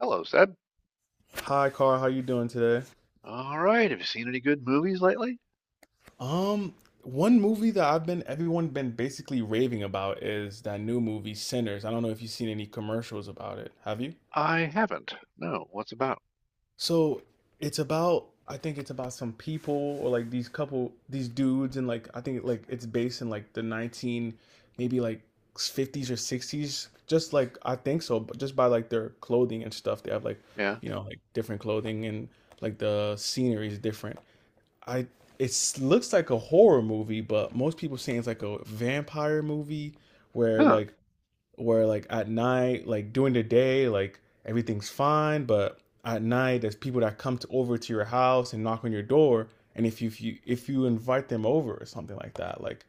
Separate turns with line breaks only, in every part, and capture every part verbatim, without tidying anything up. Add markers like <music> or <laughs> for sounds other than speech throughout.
Hello, Seb.
Hi, Carl. How you doing today?
All right. Have you seen any good movies lately?
Um, One movie that I've been everyone been basically raving about is that new movie Sinners. I don't know if you've seen any commercials about it. Have you?
I haven't. No. What's about?
So it's about, I think it's about some people, or like these couple, these dudes, and like I think like it's based in like the nineteen, maybe like fifties or sixties. Just like I think so, but just by like their clothing and stuff, they have like,
Yeah.
you know, like different clothing, and like the scenery is different. I It looks like a horror movie, but most people saying it's like a vampire movie where
Huh. <laughs>
like, where like at night, like during the day, like everything's fine, but at night there's people that come to, over to your house and knock on your door, and if you if you, if you invite them over or something like that, like,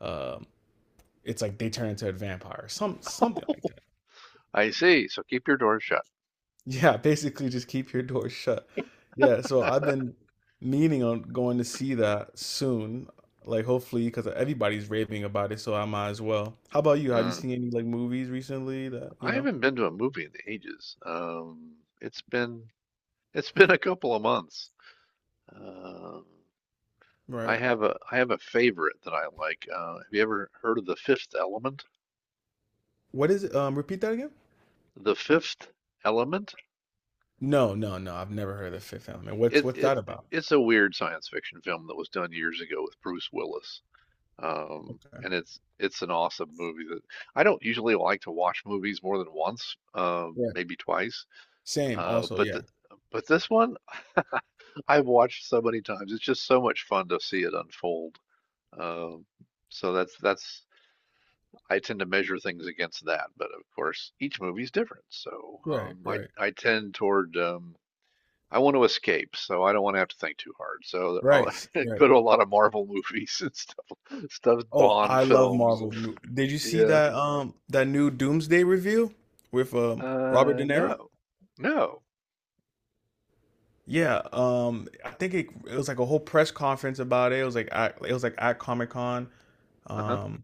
um, it's like they turn into a vampire, some something like.
Oh, I see. So keep your doors shut.
Yeah, basically just keep your door shut. Yeah, so I've been meaning on going to see that soon. Like hopefully, because everybody's raving about it, so I might as well. How about you? Have you
Mm.
seen any like movies recently that, you
I
know?
haven't been to a movie in ages. Um, it's been it's <laughs> been a couple of months. Um, I
Right.
have a I have a favorite that I like. Uh, have you ever heard of The Fifth Element?
What is it? Um, repeat that again?
The Fifth Element?
No, no, no. I've never heard of Fifth Element. What's
It,
what's that
it,
about?
it's a weird science fiction film that was done years ago with Bruce Willis. Um,
Okay.
and it's it's an awesome movie that I don't usually like to watch movies more than once, uh,
Yeah.
maybe twice.
Same,
Uh,
also,
but
yeah.
th but this one I've watched so many times. It's just so much fun to see it unfold. Um, so that's that's I tend to measure things against that. But of course, each movie's different. So
Right,
um, I
right.
I tend toward um, I want to escape, so I don't want to have to think too hard. So I'll
Right, s-
<laughs>
right.
go to a lot of Marvel <laughs> movies and stuff, stuff
Oh,
Bond
I love
films.
Marvel. mo- Did you see
Yeah.
that um that new Doomsday review with um Robert
Uh,
De Niro?
no. No.
Yeah, um, I think it, it was like a whole press conference about it. It was like at, it was like at Comic Con.
Uh-huh.
Um,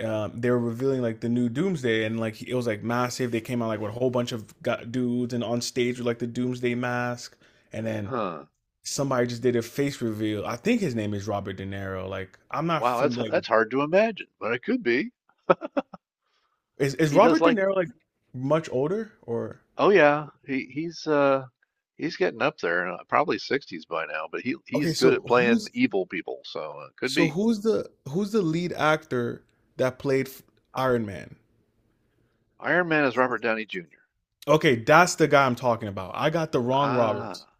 um, they were revealing like the new Doomsday, and like it was like massive. They came out like with a whole bunch of gu dudes, and on stage with like the Doomsday mask, and then
Huh.
somebody just did a face reveal. I think his name is Robert De Niro. Like I'm not
Wow,
from
that's
like,
that's hard to imagine, but it could be.
is is
He does
Robert De
like,
Niro like much older or,
oh yeah, he he's uh he's getting up there, uh, probably sixties by now, but he
okay?
he's good
So
at playing
who's
evil people, so uh, could
so
be.
who's the who's the lead actor that played Iron Man?
Iron Man is Robert Downey Junior
Okay, that's the guy I'm talking about. I got the wrong Roberts.
Ah,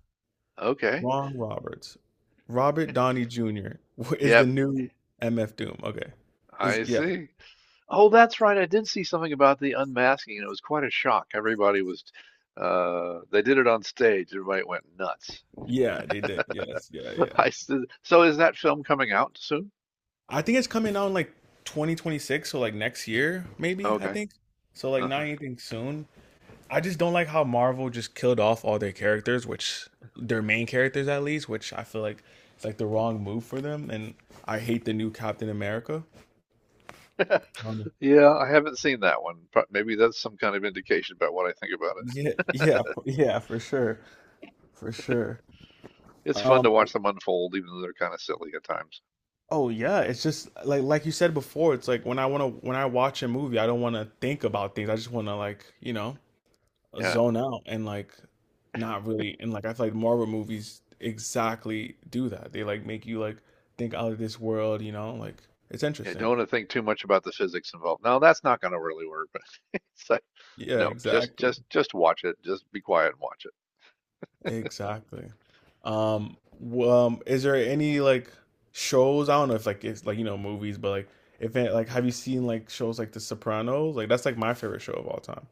okay.
Wrong Roberts. Robert
<laughs>
Downey junior <laughs> is the
Yep,
new M F Doom. Okay. Is,
I
yeah.
see. Oh, that's right. I did see something about the unmasking, and it was quite a shock. Everybody was, uh, they did it on stage. Everybody went nuts.
Yeah, they did. Yes. Yeah, yeah.
I s- so is that film coming out soon?
I think it's coming out in like twenty twenty-six, so like next year, maybe, I
Okay.
think. So like not
Uh-huh.
anything soon. I just don't like how Marvel just killed off all their characters, which their main characters at least, which I feel like it's like the wrong move for them. And I hate the new Captain America.
<laughs> Yeah, I haven't seen that one. Maybe that's some kind of indication about what I think about
Yeah, yeah,
it.
f-
<laughs>
yeah, for sure, for sure.
It's fun to
Um,
watch them unfold, even though they're kind of silly at times.
oh yeah, it's just like like you said before, it's like when I wanna when I watch a movie, I don't wanna think about things. I just wanna like, you know,
Yeah,
zone out and like not really and like I feel like Marvel movies exactly do that. They like make you like think out of this world, you know, like it's
yeah.
interesting.
Don't want to think too much about the physics involved. No, that's not going to really work. But <laughs> it's like,
Yeah,
no, just
exactly.
just just watch it. Just be quiet and watch it.
Exactly. Um, w- um, is there any like shows? I don't know if like it's like you know movies, but like if it, like have you seen like shows like The Sopranos? Like that's like my favorite show of all time.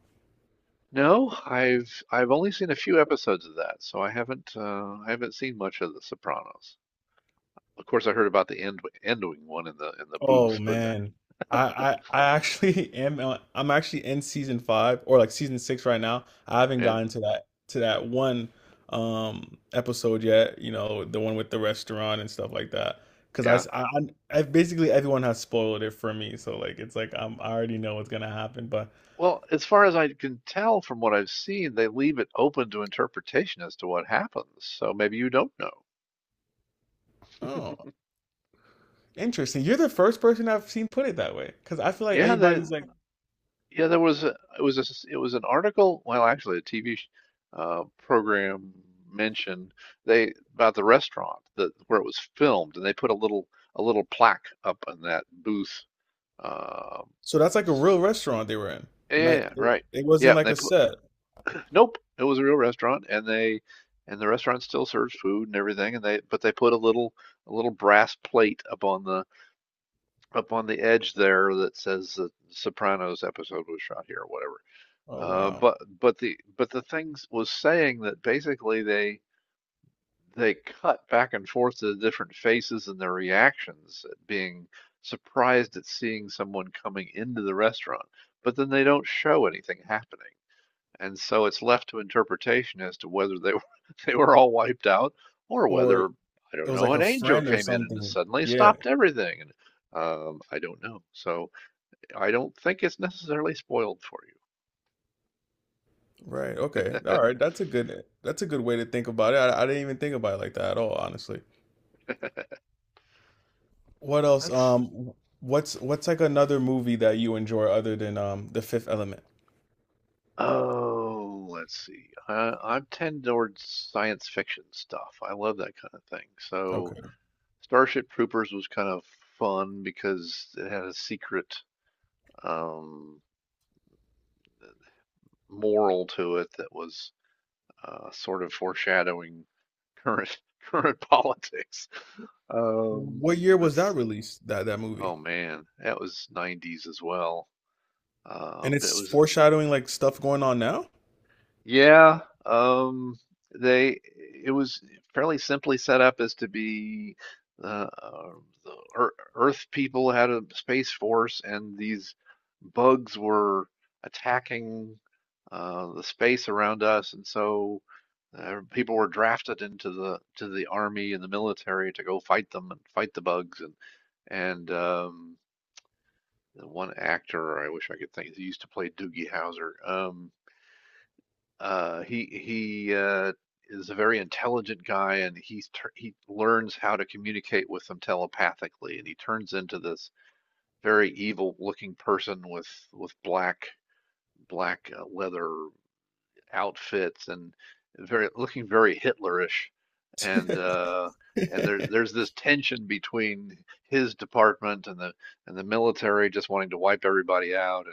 No, I've I've only seen a few episodes of that, so I haven't uh, I haven't seen much of The Sopranos. Of course, I heard about the end ending one in the in the
Oh
booth, but
man, I I, I actually <laughs> am uh, I'm actually in season five or like season six right now. I haven't
yeah,
gotten to that to that one um episode yet. You know, the one with the restaurant and stuff like that. Because I,
yeah.
s- I, I- I- basically everyone has spoiled it for me, so like it's like I'm, I already know what's gonna happen. But
Well, as far as I can tell from what I've seen, they leave it open to interpretation as to what happens. So maybe you don't know.
oh,
<laughs>
interesting. You're the first person I've seen put it that way. Because I feel like
yeah, the
everybody's like,
yeah, there was a, it was a, s- it was an article, well, actually a T V sh- uh, program mentioned they about the restaurant that where it was filmed, and they put a little a little plaque up in that booth. Um,
so that's like a
this
real
is-
restaurant they were in. Not
yeah,
it,
right.
it
Yeah,
wasn't like
they
a
put
set.
Nope, it was a real restaurant, and they and the restaurant still serves food and everything, and they but they put a little a little brass plate up on the up on the edge there that says the Sopranos episode was shot here or whatever.
Oh
Uh,
wow.
but but the but the things was saying that basically they they cut back and forth to the different faces and their reactions at being surprised at seeing someone coming into the restaurant, but then they don't show anything happening. And so it's left to interpretation as to whether they <laughs> were, they were all wiped out or
Or, it
whether, I don't
was
know,
like a
an angel
friend or
came in and
something.
suddenly
Yeah.
stopped everything. And um, I don't know. So I don't think it's necessarily spoiled for
Right. Okay.
you.
All right. That's a good that's a good way to think about it. I, I didn't even think about it like that at all, honestly. What else?
<laughs> Let's,
Um, what's what's like another movie that you enjoy other than um The Fifth Element?
oh, let's see. Uh, I'm tend towards science fiction stuff. I love that kind of thing. So
Okay.
Starship Troopers was kind of fun because it had a secret um, moral to it that was uh, sort of foreshadowing current <laughs> current politics. Um,
What year was that
that's
released, that that
oh
movie?
man, that was nineties as well.
And
Um, but it
it's
was
foreshadowing like stuff going on now?
yeah. Um, they It was fairly simply set up as to be uh, uh, the Earth people had a space force, and these bugs were attacking uh, the space around us, and so Uh, people were drafted into the to the army and the military to go fight them and fight the bugs and and um, one actor I wish I could think he used to play Doogie Howser. Um, uh, he he uh, is a very intelligent guy and he's he learns how to communicate with them telepathically and he turns into this very evil looking person with with black black uh, leather outfits and very looking very Hitlerish. And
<laughs>
uh, and there
Wait,
there's this tension between his department and the and the military just wanting to wipe everybody out.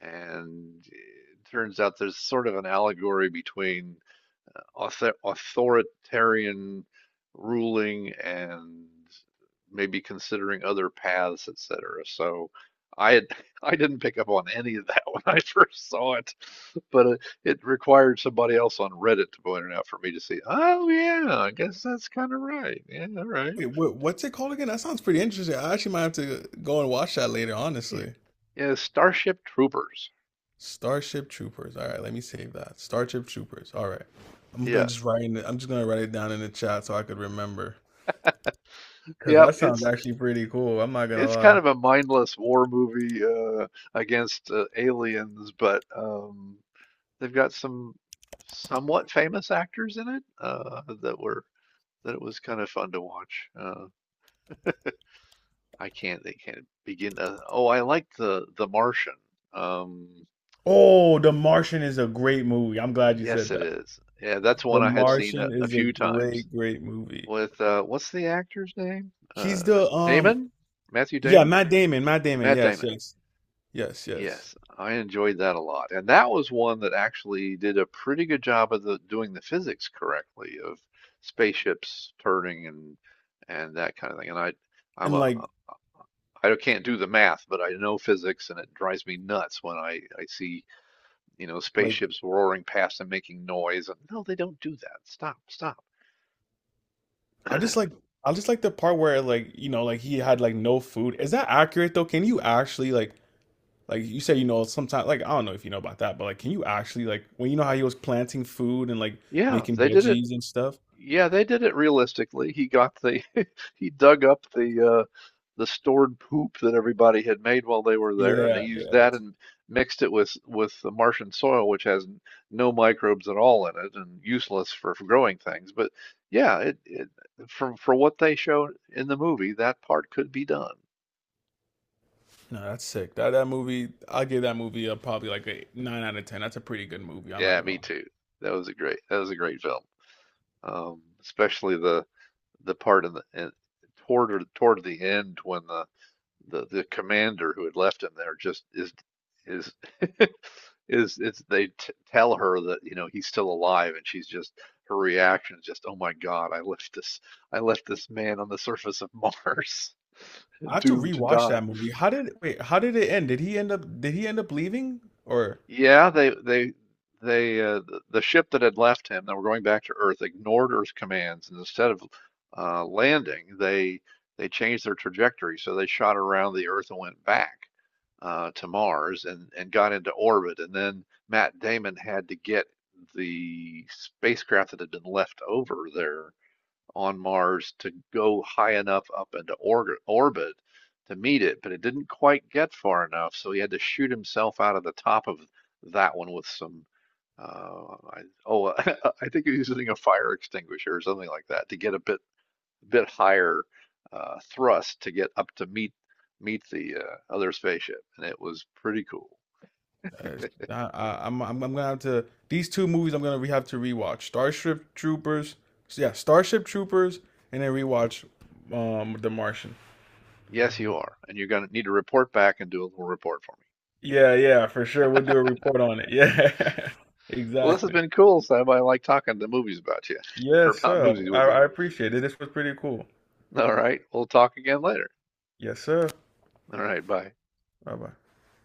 And and It turns out there's sort of an allegory between author- authoritarian ruling and maybe considering other paths, et cetera. So I had, <laughs> I didn't pick up on any of that <laughs> when I first saw it, but it, it required somebody else on Reddit to point it out for me to see. Oh yeah, I guess that's kind of right. Yeah, all right.
what, what's it called again? That sounds pretty interesting. I actually might have to go and watch that later,
Yeah,
honestly.
yeah, Starship Troopers.
Starship Troopers. All right, let me save that. Starship Troopers. All right. I'm gonna
Yeah,
just write in it. I'm just gonna write it down in the chat so I could remember. Cause
yeah.
that sounds
It's
actually pretty cool. I'm not gonna
it's kind
lie.
of a mindless war movie uh, against uh, aliens, but um, they've got some somewhat famous actors in it uh, that were that it was kind of fun to watch. Uh, I can't they can't begin to, oh, I like the The Martian. Um,
Oh, The Martian is a great movie. I'm glad you
yes,
said
it
that.
is. Yeah, that's one
The
I have seen a,
Martian
a
is a
few times
great, great movie.
with uh, what's the actor's name?
He's
Uh,
the um
Damon? Matthew
Yeah,
Damon?
Matt Damon. Matt Damon.
Matt
Yes,
Damon.
yes, yes, yes.
Yes, I enjoyed that a lot. And that was one that actually did a pretty good job of the doing the physics correctly of spaceships turning and and that kind of thing. And I I'm
And
a
like,
uh, I can't do the math, but I know physics and it drives me nuts when I I see, you know,
like
spaceships roaring past and making noise and no, they don't do that. Stop, stop.
I just like
<clears throat>
I just like the part where, like, you know, like he had like no food. Is that accurate though? Can you actually like like you said, you know, sometimes like I don't know if you know about that, but like, can you actually like, when you know how he was planting food and like
Yeah,
making
they did it
veggies and stuff?
Yeah, they did it realistically. He got the <laughs> he dug up the uh the stored poop that everybody had made while they were there, and they
Yeah,
used
yeah.
that and mixed it with with the Martian soil, which has n- no microbes at all in it and useless for, for growing things. But yeah, it, it from for what they showed in the movie, that part could be done.
No, that's sick. That that movie, I'll give that movie a probably like a nine out of ten. That's a pretty good movie. I'm not
Yeah,
gonna
me
lie.
too. That was a great that was a great film. Um, especially the the part in the in, toward toward the end when the the the commander who had left him there just is is <laughs> is it's they t- tell her that you know he's still alive and she's just her reaction is just oh my god I left this I left this man on the surface of Mars
I
<laughs>
have to
doomed to
rewatch
die.
that movie. How did wait? How did it end? Did he end up? Did he end up leaving? Or
Yeah, they they they uh, the ship that had left him that were going back to Earth ignored Earth's commands and instead of uh, landing they they changed their trajectory so they shot around the Earth and went back uh, to Mars and, and got into orbit. And then Matt Damon had to get the spacecraft that had been left over there on Mars to go high enough up into org- orbit to meet it, but it didn't quite get far enough, so he had to shoot himself out of the top of that one with some. Uh, I, oh, <laughs> I think he was using a fire extinguisher or something like that to get a bit a bit higher uh, thrust to get up to meet meet the uh, other spaceship, and it was pretty cool.
uh, I, I, I'm I'm I'm gonna have to these two movies. I'm gonna re- have to rewatch Starship Troopers. Yeah, Starship Troopers, and then rewatch um The Martian.
Yes, you are, and you're gonna need to report back and do a little report for me.
Yeah, yeah, for sure. We'll do a report
<laughs>
on it. Yeah, <laughs>
Well, this has
exactly.
been cool, Sam. I like talking to movies about you <laughs> or
Yes,
about
sir.
movies
I,
with you.
I appreciate it. This was pretty cool.
All right, we'll talk again later.
Yes, sir.
All right, bye.
Bye bye.